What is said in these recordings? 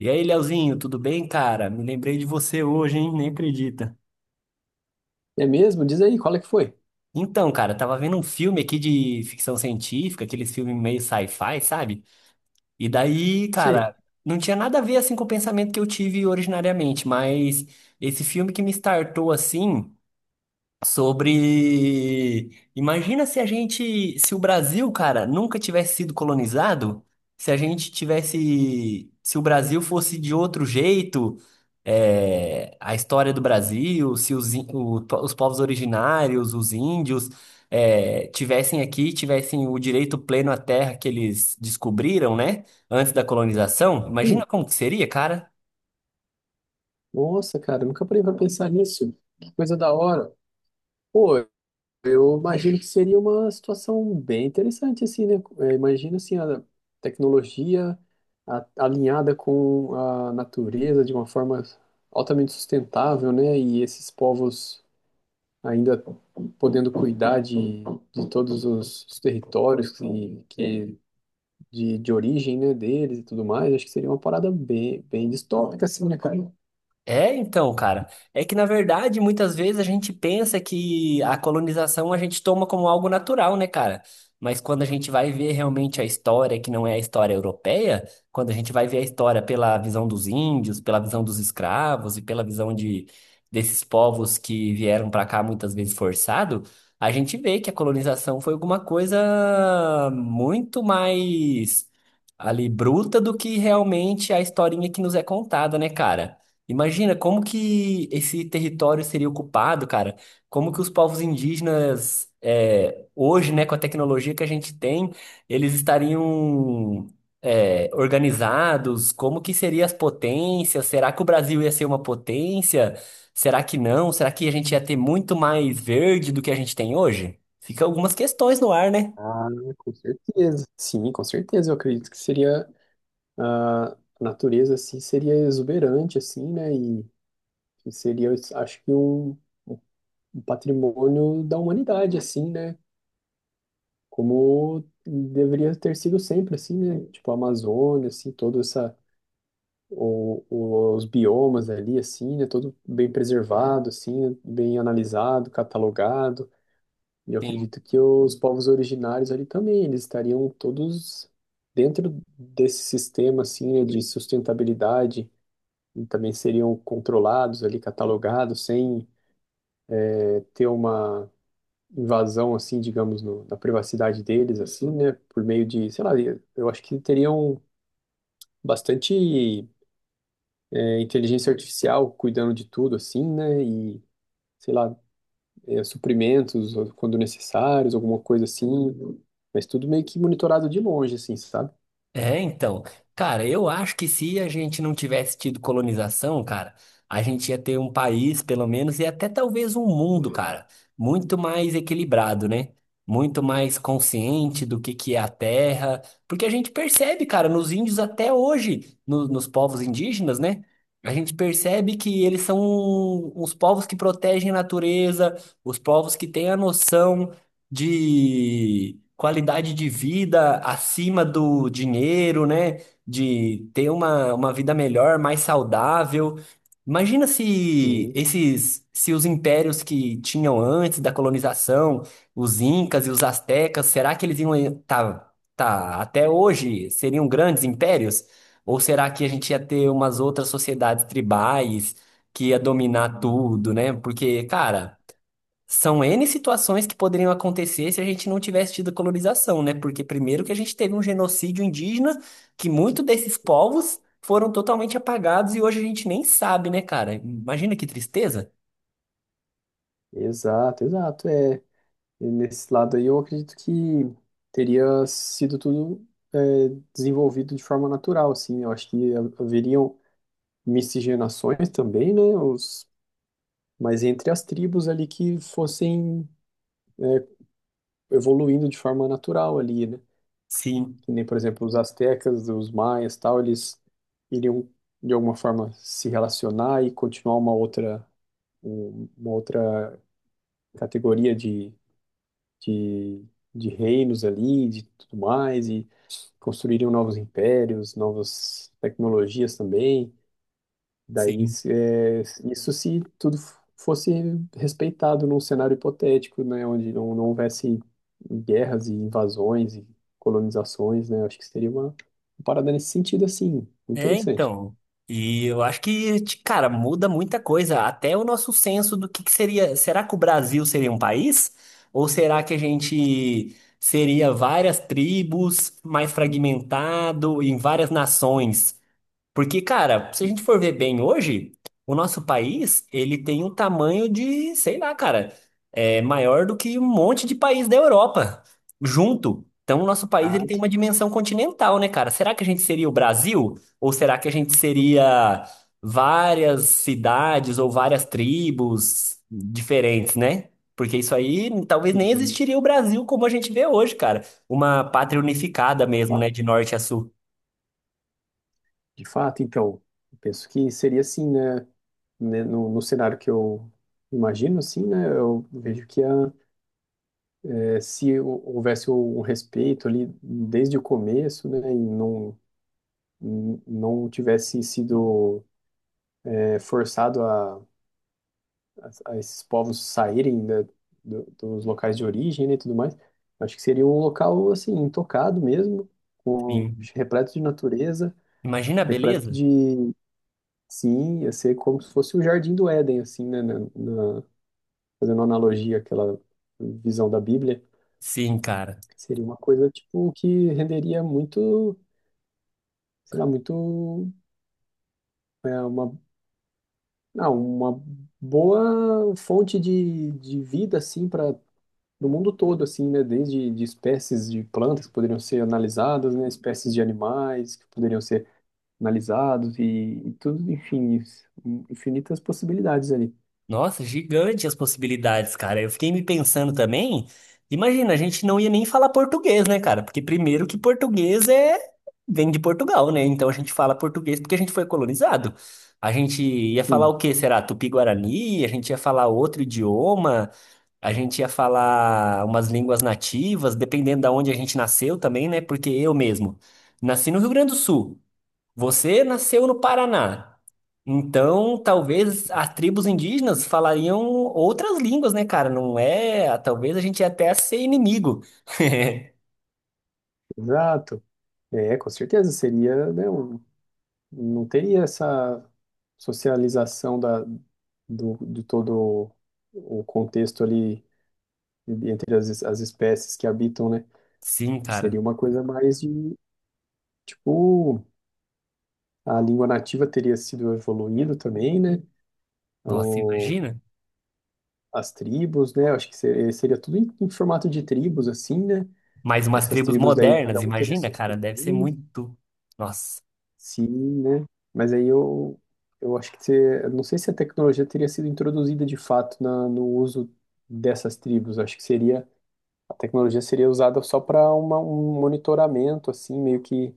E aí, Leozinho, tudo bem, cara? Me lembrei de você hoje, hein? Nem acredita. É mesmo? Diz aí, qual é que foi? Então, cara, eu tava vendo um filme aqui de ficção científica, aqueles filmes meio sci-fi, sabe? E daí, Sei. cara, não tinha nada a ver assim com o pensamento que eu tive originariamente, mas esse filme que me startou assim. Sobre. Imagina se a gente, se o Brasil, cara, nunca tivesse sido colonizado, se a gente tivesse, se o Brasil fosse de outro jeito, a história do Brasil, se os povos originários, os índios, tivessem aqui, tivessem o direito pleno à terra que eles descobriram, né, antes da colonização, Ih, imagina como que seria, cara. nossa, cara, nunca parei pra pensar nisso. Que coisa da hora. Pô, eu imagino que seria uma situação bem interessante, assim, né? É, imagino, assim, a tecnologia alinhada com a natureza de uma forma altamente sustentável, né? E esses povos ainda podendo cuidar de todos os territórios que de origem, né, deles e tudo mais, acho que seria uma parada bem distópica, assim, né, cara? É, então, cara, é que na verdade muitas vezes a gente pensa que a colonização a gente toma como algo natural, né, cara? Mas quando a gente vai ver realmente a história, que não é a história europeia, quando a gente vai ver a história pela visão dos índios, pela visão dos escravos e pela visão de desses povos que vieram pra cá muitas vezes forçado, a gente vê que a colonização foi alguma coisa muito mais ali bruta do que realmente a historinha que nos é contada, né, cara? Imagina como que esse território seria ocupado, cara. Como que os povos indígenas, hoje, né, com a tecnologia que a gente tem, eles estariam, organizados? Como que seriam as potências? Será que o Brasil ia ser uma potência? Será que não? Será que a gente ia ter muito mais verde do que a gente tem hoje? Fica algumas questões no ar, né? Ah, com certeza. Sim, com certeza, eu acredito que seria, ah, a natureza, assim, seria exuberante, assim, né, e seria, eu acho que um patrimônio da humanidade, assim, né, como deveria ter sido sempre, assim, né, tipo a Amazônia, assim, toda essa, os biomas ali, assim, né, todo bem preservado, assim, né, bem analisado, catalogado, e eu acredito que os povos originários ali também, eles estariam todos dentro desse sistema assim, né, de sustentabilidade e também seriam controlados ali, catalogados, sem ter uma invasão assim, digamos, no, na privacidade deles assim, né, por meio de, sei lá, eu acho que teriam bastante inteligência artificial cuidando de tudo assim, né, e sei lá, suprimentos quando necessários, alguma coisa assim, mas tudo meio que monitorado de longe, assim, sabe? É, então, cara, eu acho que se a gente não tivesse tido colonização, cara, a gente ia ter um país, pelo menos, e até talvez um mundo, cara, muito mais equilibrado, né? Muito mais consciente do que é a terra, porque a gente percebe, cara, nos índios até hoje, nos povos indígenas, né? A gente percebe que eles são os povos que protegem a natureza, os povos que têm a noção de qualidade de vida acima do dinheiro, né? De ter uma vida melhor, mais saudável. Imagina se Sim, esses, se os impérios que tinham antes da colonização, os incas e os aztecas, será que eles iam estar até hoje seriam grandes impérios? Ou será que a gente ia ter umas outras sociedades tribais que ia dominar tudo, né? Porque, cara, são N situações que poderiam acontecer se a gente não tivesse tido colonização, né? Porque primeiro que a gente teve um genocídio indígena, que muitos desses povos foram totalmente apagados e hoje a gente nem sabe, né, cara? Imagina que tristeza. exato, exato, é. E nesse lado aí eu acredito que teria sido tudo eh, desenvolvido de forma natural, assim, eu acho que haveriam miscigenações também, né, os, mas entre as tribos ali que fossem evoluindo de forma natural ali, né? Sim, Que nem, por exemplo, os astecas, os maias, tal, eles iriam de alguma forma se relacionar e continuar uma outra uma outra categoria de, de reinos ali, de tudo mais, e construiriam novos impérios, novas tecnologias também. Daí, sim. Isso se tudo fosse respeitado num cenário hipotético, né, onde não houvesse guerras e invasões e colonizações, né, eu acho que seria uma parada nesse sentido, assim, É, interessante. então. E eu acho que, cara, muda muita coisa. Até o nosso senso do que seria. Será que o Brasil seria um país? Ou será que a gente seria várias tribos, mais fragmentado, em várias nações? Porque, cara, se a gente for ver bem hoje, o nosso país, ele tem um tamanho de, sei lá, cara, é maior do que um monte de país da Europa junto. Então, o nosso país, ele tem Exato. uma dimensão continental, né, cara? Será que a gente seria o Brasil? Ou será que a gente seria várias cidades ou várias tribos diferentes, né? Porque isso aí, talvez nem Sim, existiria o Brasil como a gente vê hoje, cara. Uma pátria unificada de mesmo, fato, né, de norte a sul. de fato, então, eu penso que seria assim, né, né, no cenário que eu imagino, assim, né, eu vejo que a, é, se houvesse um respeito ali desde o começo, né, e não tivesse sido é, forçado a esses povos saírem, né, dos locais de origem, né, e tudo mais. Acho que seria um local assim intocado mesmo, com, Sim. repleto de natureza, Imagina a repleto beleza? de sim, ia ser como se fosse o Jardim do Éden assim, né, na- fazendo uma analogia àquela visão da Bíblia. Sim, cara. Seria uma coisa tipo que renderia muito, sei lá, muito é, uma não, uma boa fonte de vida, assim, para o mundo todo, assim, né? Desde de espécies de plantas que poderiam ser analisadas, né? Espécies de animais que poderiam ser analisados e tudo, enfim, isso, infinitas possibilidades ali. Nossa, gigante as possibilidades, cara. Eu fiquei me pensando também. Imagina, a gente não ia nem falar português, né, cara? Porque primeiro que português é vem de Portugal, né? Então a gente fala português porque a gente foi colonizado. A gente ia falar Sim, o quê? Será Tupi-Guarani? A gente ia falar outro idioma? A gente ia falar umas línguas nativas, dependendo da onde a gente nasceu também, né? Porque eu mesmo nasci no Rio Grande do Sul. Você nasceu no Paraná, então talvez as tribos indígenas falariam outras línguas, né, cara? Não é? Talvez a gente ia até ser inimigo. exato. É, com certeza seria, né? Não teria essa socialização da, do, de todo o contexto ali entre as, as espécies que habitam, né? Sim, Seria cara. uma coisa mais de, tipo, a língua nativa teria sido evoluindo também, né? Nossa, Ou imagina. as tribos, né? Acho que seria, seria tudo em, em formato de tribos, assim, né? Mas umas Essas tribos tribos daí, cada modernas, um teria imagina, seus cara, deve ser costumes, muito. Nossa. sim, né? Mas aí eu acho que, eu não sei se a tecnologia teria sido introduzida de fato na, no uso dessas tribos. Acho que seria, a tecnologia seria usada só para uma, um monitoramento, assim, meio que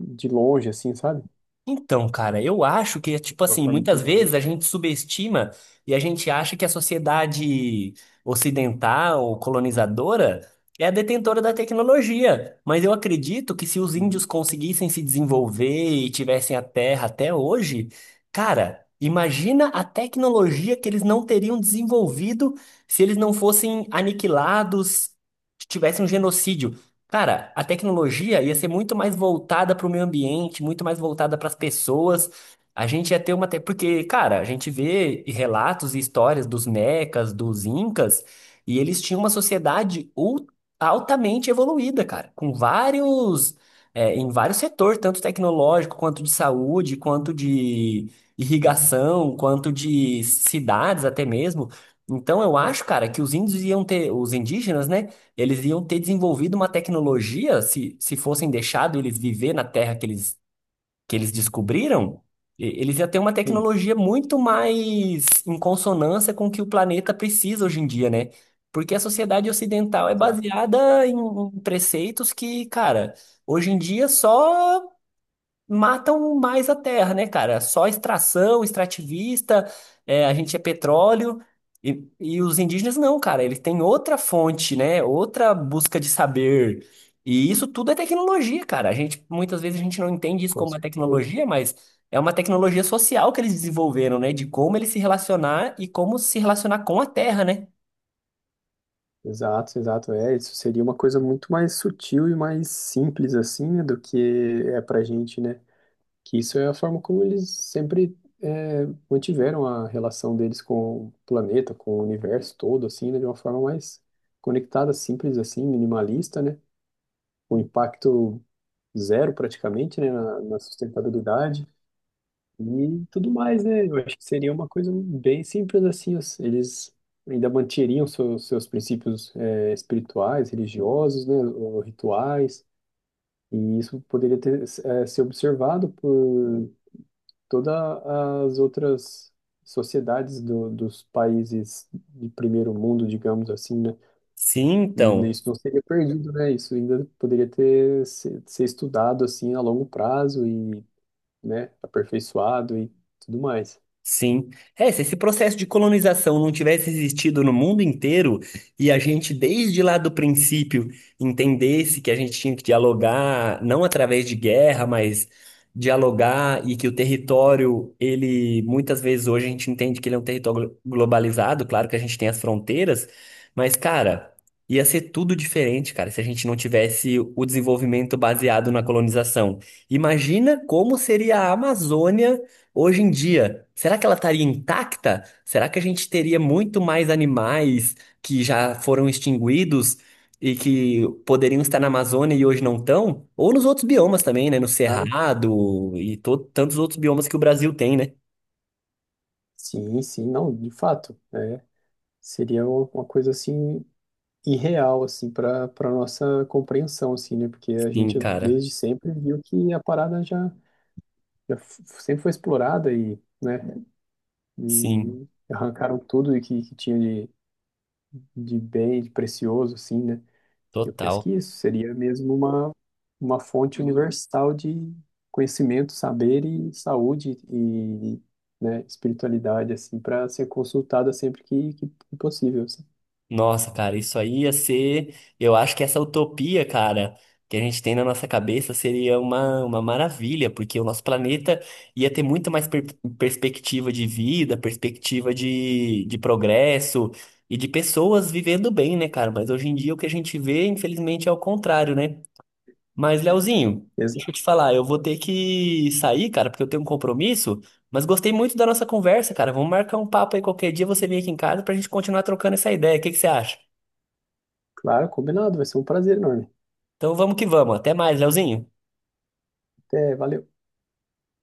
de longe, assim, sabe? Então, cara, eu acho que, tipo De uma assim, forma muitas inteligente. vezes a gente subestima e a gente acha que a sociedade ocidental, colonizadora, é a detentora da tecnologia. Mas eu acredito que se os índios conseguissem se desenvolver e tivessem a terra até hoje, cara, imagina a tecnologia que eles não teriam desenvolvido se eles não fossem aniquilados, se tivesse um genocídio. Cara, a tecnologia ia ser muito mais voltada para o meio ambiente, muito mais voltada para as pessoas. A gente ia ter Porque, cara, a gente vê relatos e histórias dos mecas, dos incas, e eles tinham uma sociedade altamente evoluída, cara, com vários. Em vários setores, tanto tecnológico, quanto de saúde, quanto de Sim, irrigação, quanto de cidades até mesmo. Então, eu acho, cara, que os índios iam ter, os indígenas, né? Eles iam ter desenvolvido uma tecnologia, se fossem deixado eles viver na Terra que eles descobriram, eles iam ter uma tecnologia muito mais em consonância com o que o planeta precisa hoje em dia, né? Porque a sociedade ocidental é exato, baseada em preceitos que, cara, hoje em dia só matam mais a terra, né, cara? Só extração, extrativista, a gente é petróleo. E os indígenas não, cara, eles têm outra fonte, né? Outra busca de saber. E isso tudo é tecnologia, cara. A gente, muitas vezes a gente não entende isso com como uma certeza. tecnologia, mas é uma tecnologia social que eles desenvolveram, né? De como eles se relacionar e como se relacionar com a terra, né? Exato, exato. É, isso seria uma coisa muito mais sutil e mais simples, assim, né, do que é pra gente, né? Que isso é a forma como eles sempre é, mantiveram a relação deles com o planeta, com o universo todo, assim, né, de uma forma mais conectada, simples, assim, minimalista, né? Um impacto zero, praticamente, né, na sustentabilidade. E tudo mais, né? Eu acho que seria uma coisa bem simples assim. Eles ainda manteriam seus princípios espirituais, religiosos, né? Ou rituais. E isso poderia ter, ser observado por todas as outras sociedades dos países de primeiro mundo, digamos assim, né? Sim, E então. isso não seria perdido, né? Isso ainda poderia ter ser estudado assim a longo prazo e, né? Aperfeiçoado e tudo mais. Sim. É, se esse processo de colonização não tivesse existido no mundo inteiro e a gente, desde lá do princípio, entendesse que a gente tinha que dialogar, não através de guerra, mas dialogar e que o território, ele, muitas vezes hoje a gente entende que ele é um território globalizado, claro que a gente tem as fronteiras, mas, cara, ia ser tudo diferente, cara, se a gente não tivesse o desenvolvimento baseado na colonização. Imagina como seria a Amazônia hoje em dia, será que ela estaria intacta? Será que a gente teria muito mais animais que já foram extinguidos e que poderiam estar na Amazônia e hoje não estão? Ou nos outros biomas também, né? No Cerrado e tantos outros biomas que o Brasil tem, né? Sim, sim, não, de fato, é, seria uma coisa assim irreal assim para para nossa compreensão assim, né? Porque a Sim, gente cara. desde sempre viu que a parada já, já f- sempre foi explorada e, né, Sim, e arrancaram tudo e que tinha de bem, de precioso assim, né? Eu total. pesquiso, seria mesmo uma fonte universal de conhecimento, saber e saúde e, né, espiritualidade, assim, para ser consultada sempre que possível, assim. Nossa, cara, isso aí ia ser. Eu acho que essa utopia, cara, que a gente tem na nossa cabeça seria uma maravilha, porque o nosso planeta ia ter muito mais perspectiva de vida, perspectiva de progresso e de pessoas vivendo bem, né, cara? Mas hoje em dia o que a gente vê, infelizmente, é o contrário, né? Mas, Leozinho, deixa Exato. eu te falar, eu vou ter que sair, cara, porque eu tenho um compromisso, mas gostei muito da nossa conversa, cara. Vamos marcar um papo aí qualquer dia, você vem aqui em casa pra gente continuar trocando essa ideia. O que que você acha? Claro, combinado, vai ser um prazer enorme. Então vamos que vamos. Até mais, Leozinho. Até, valeu.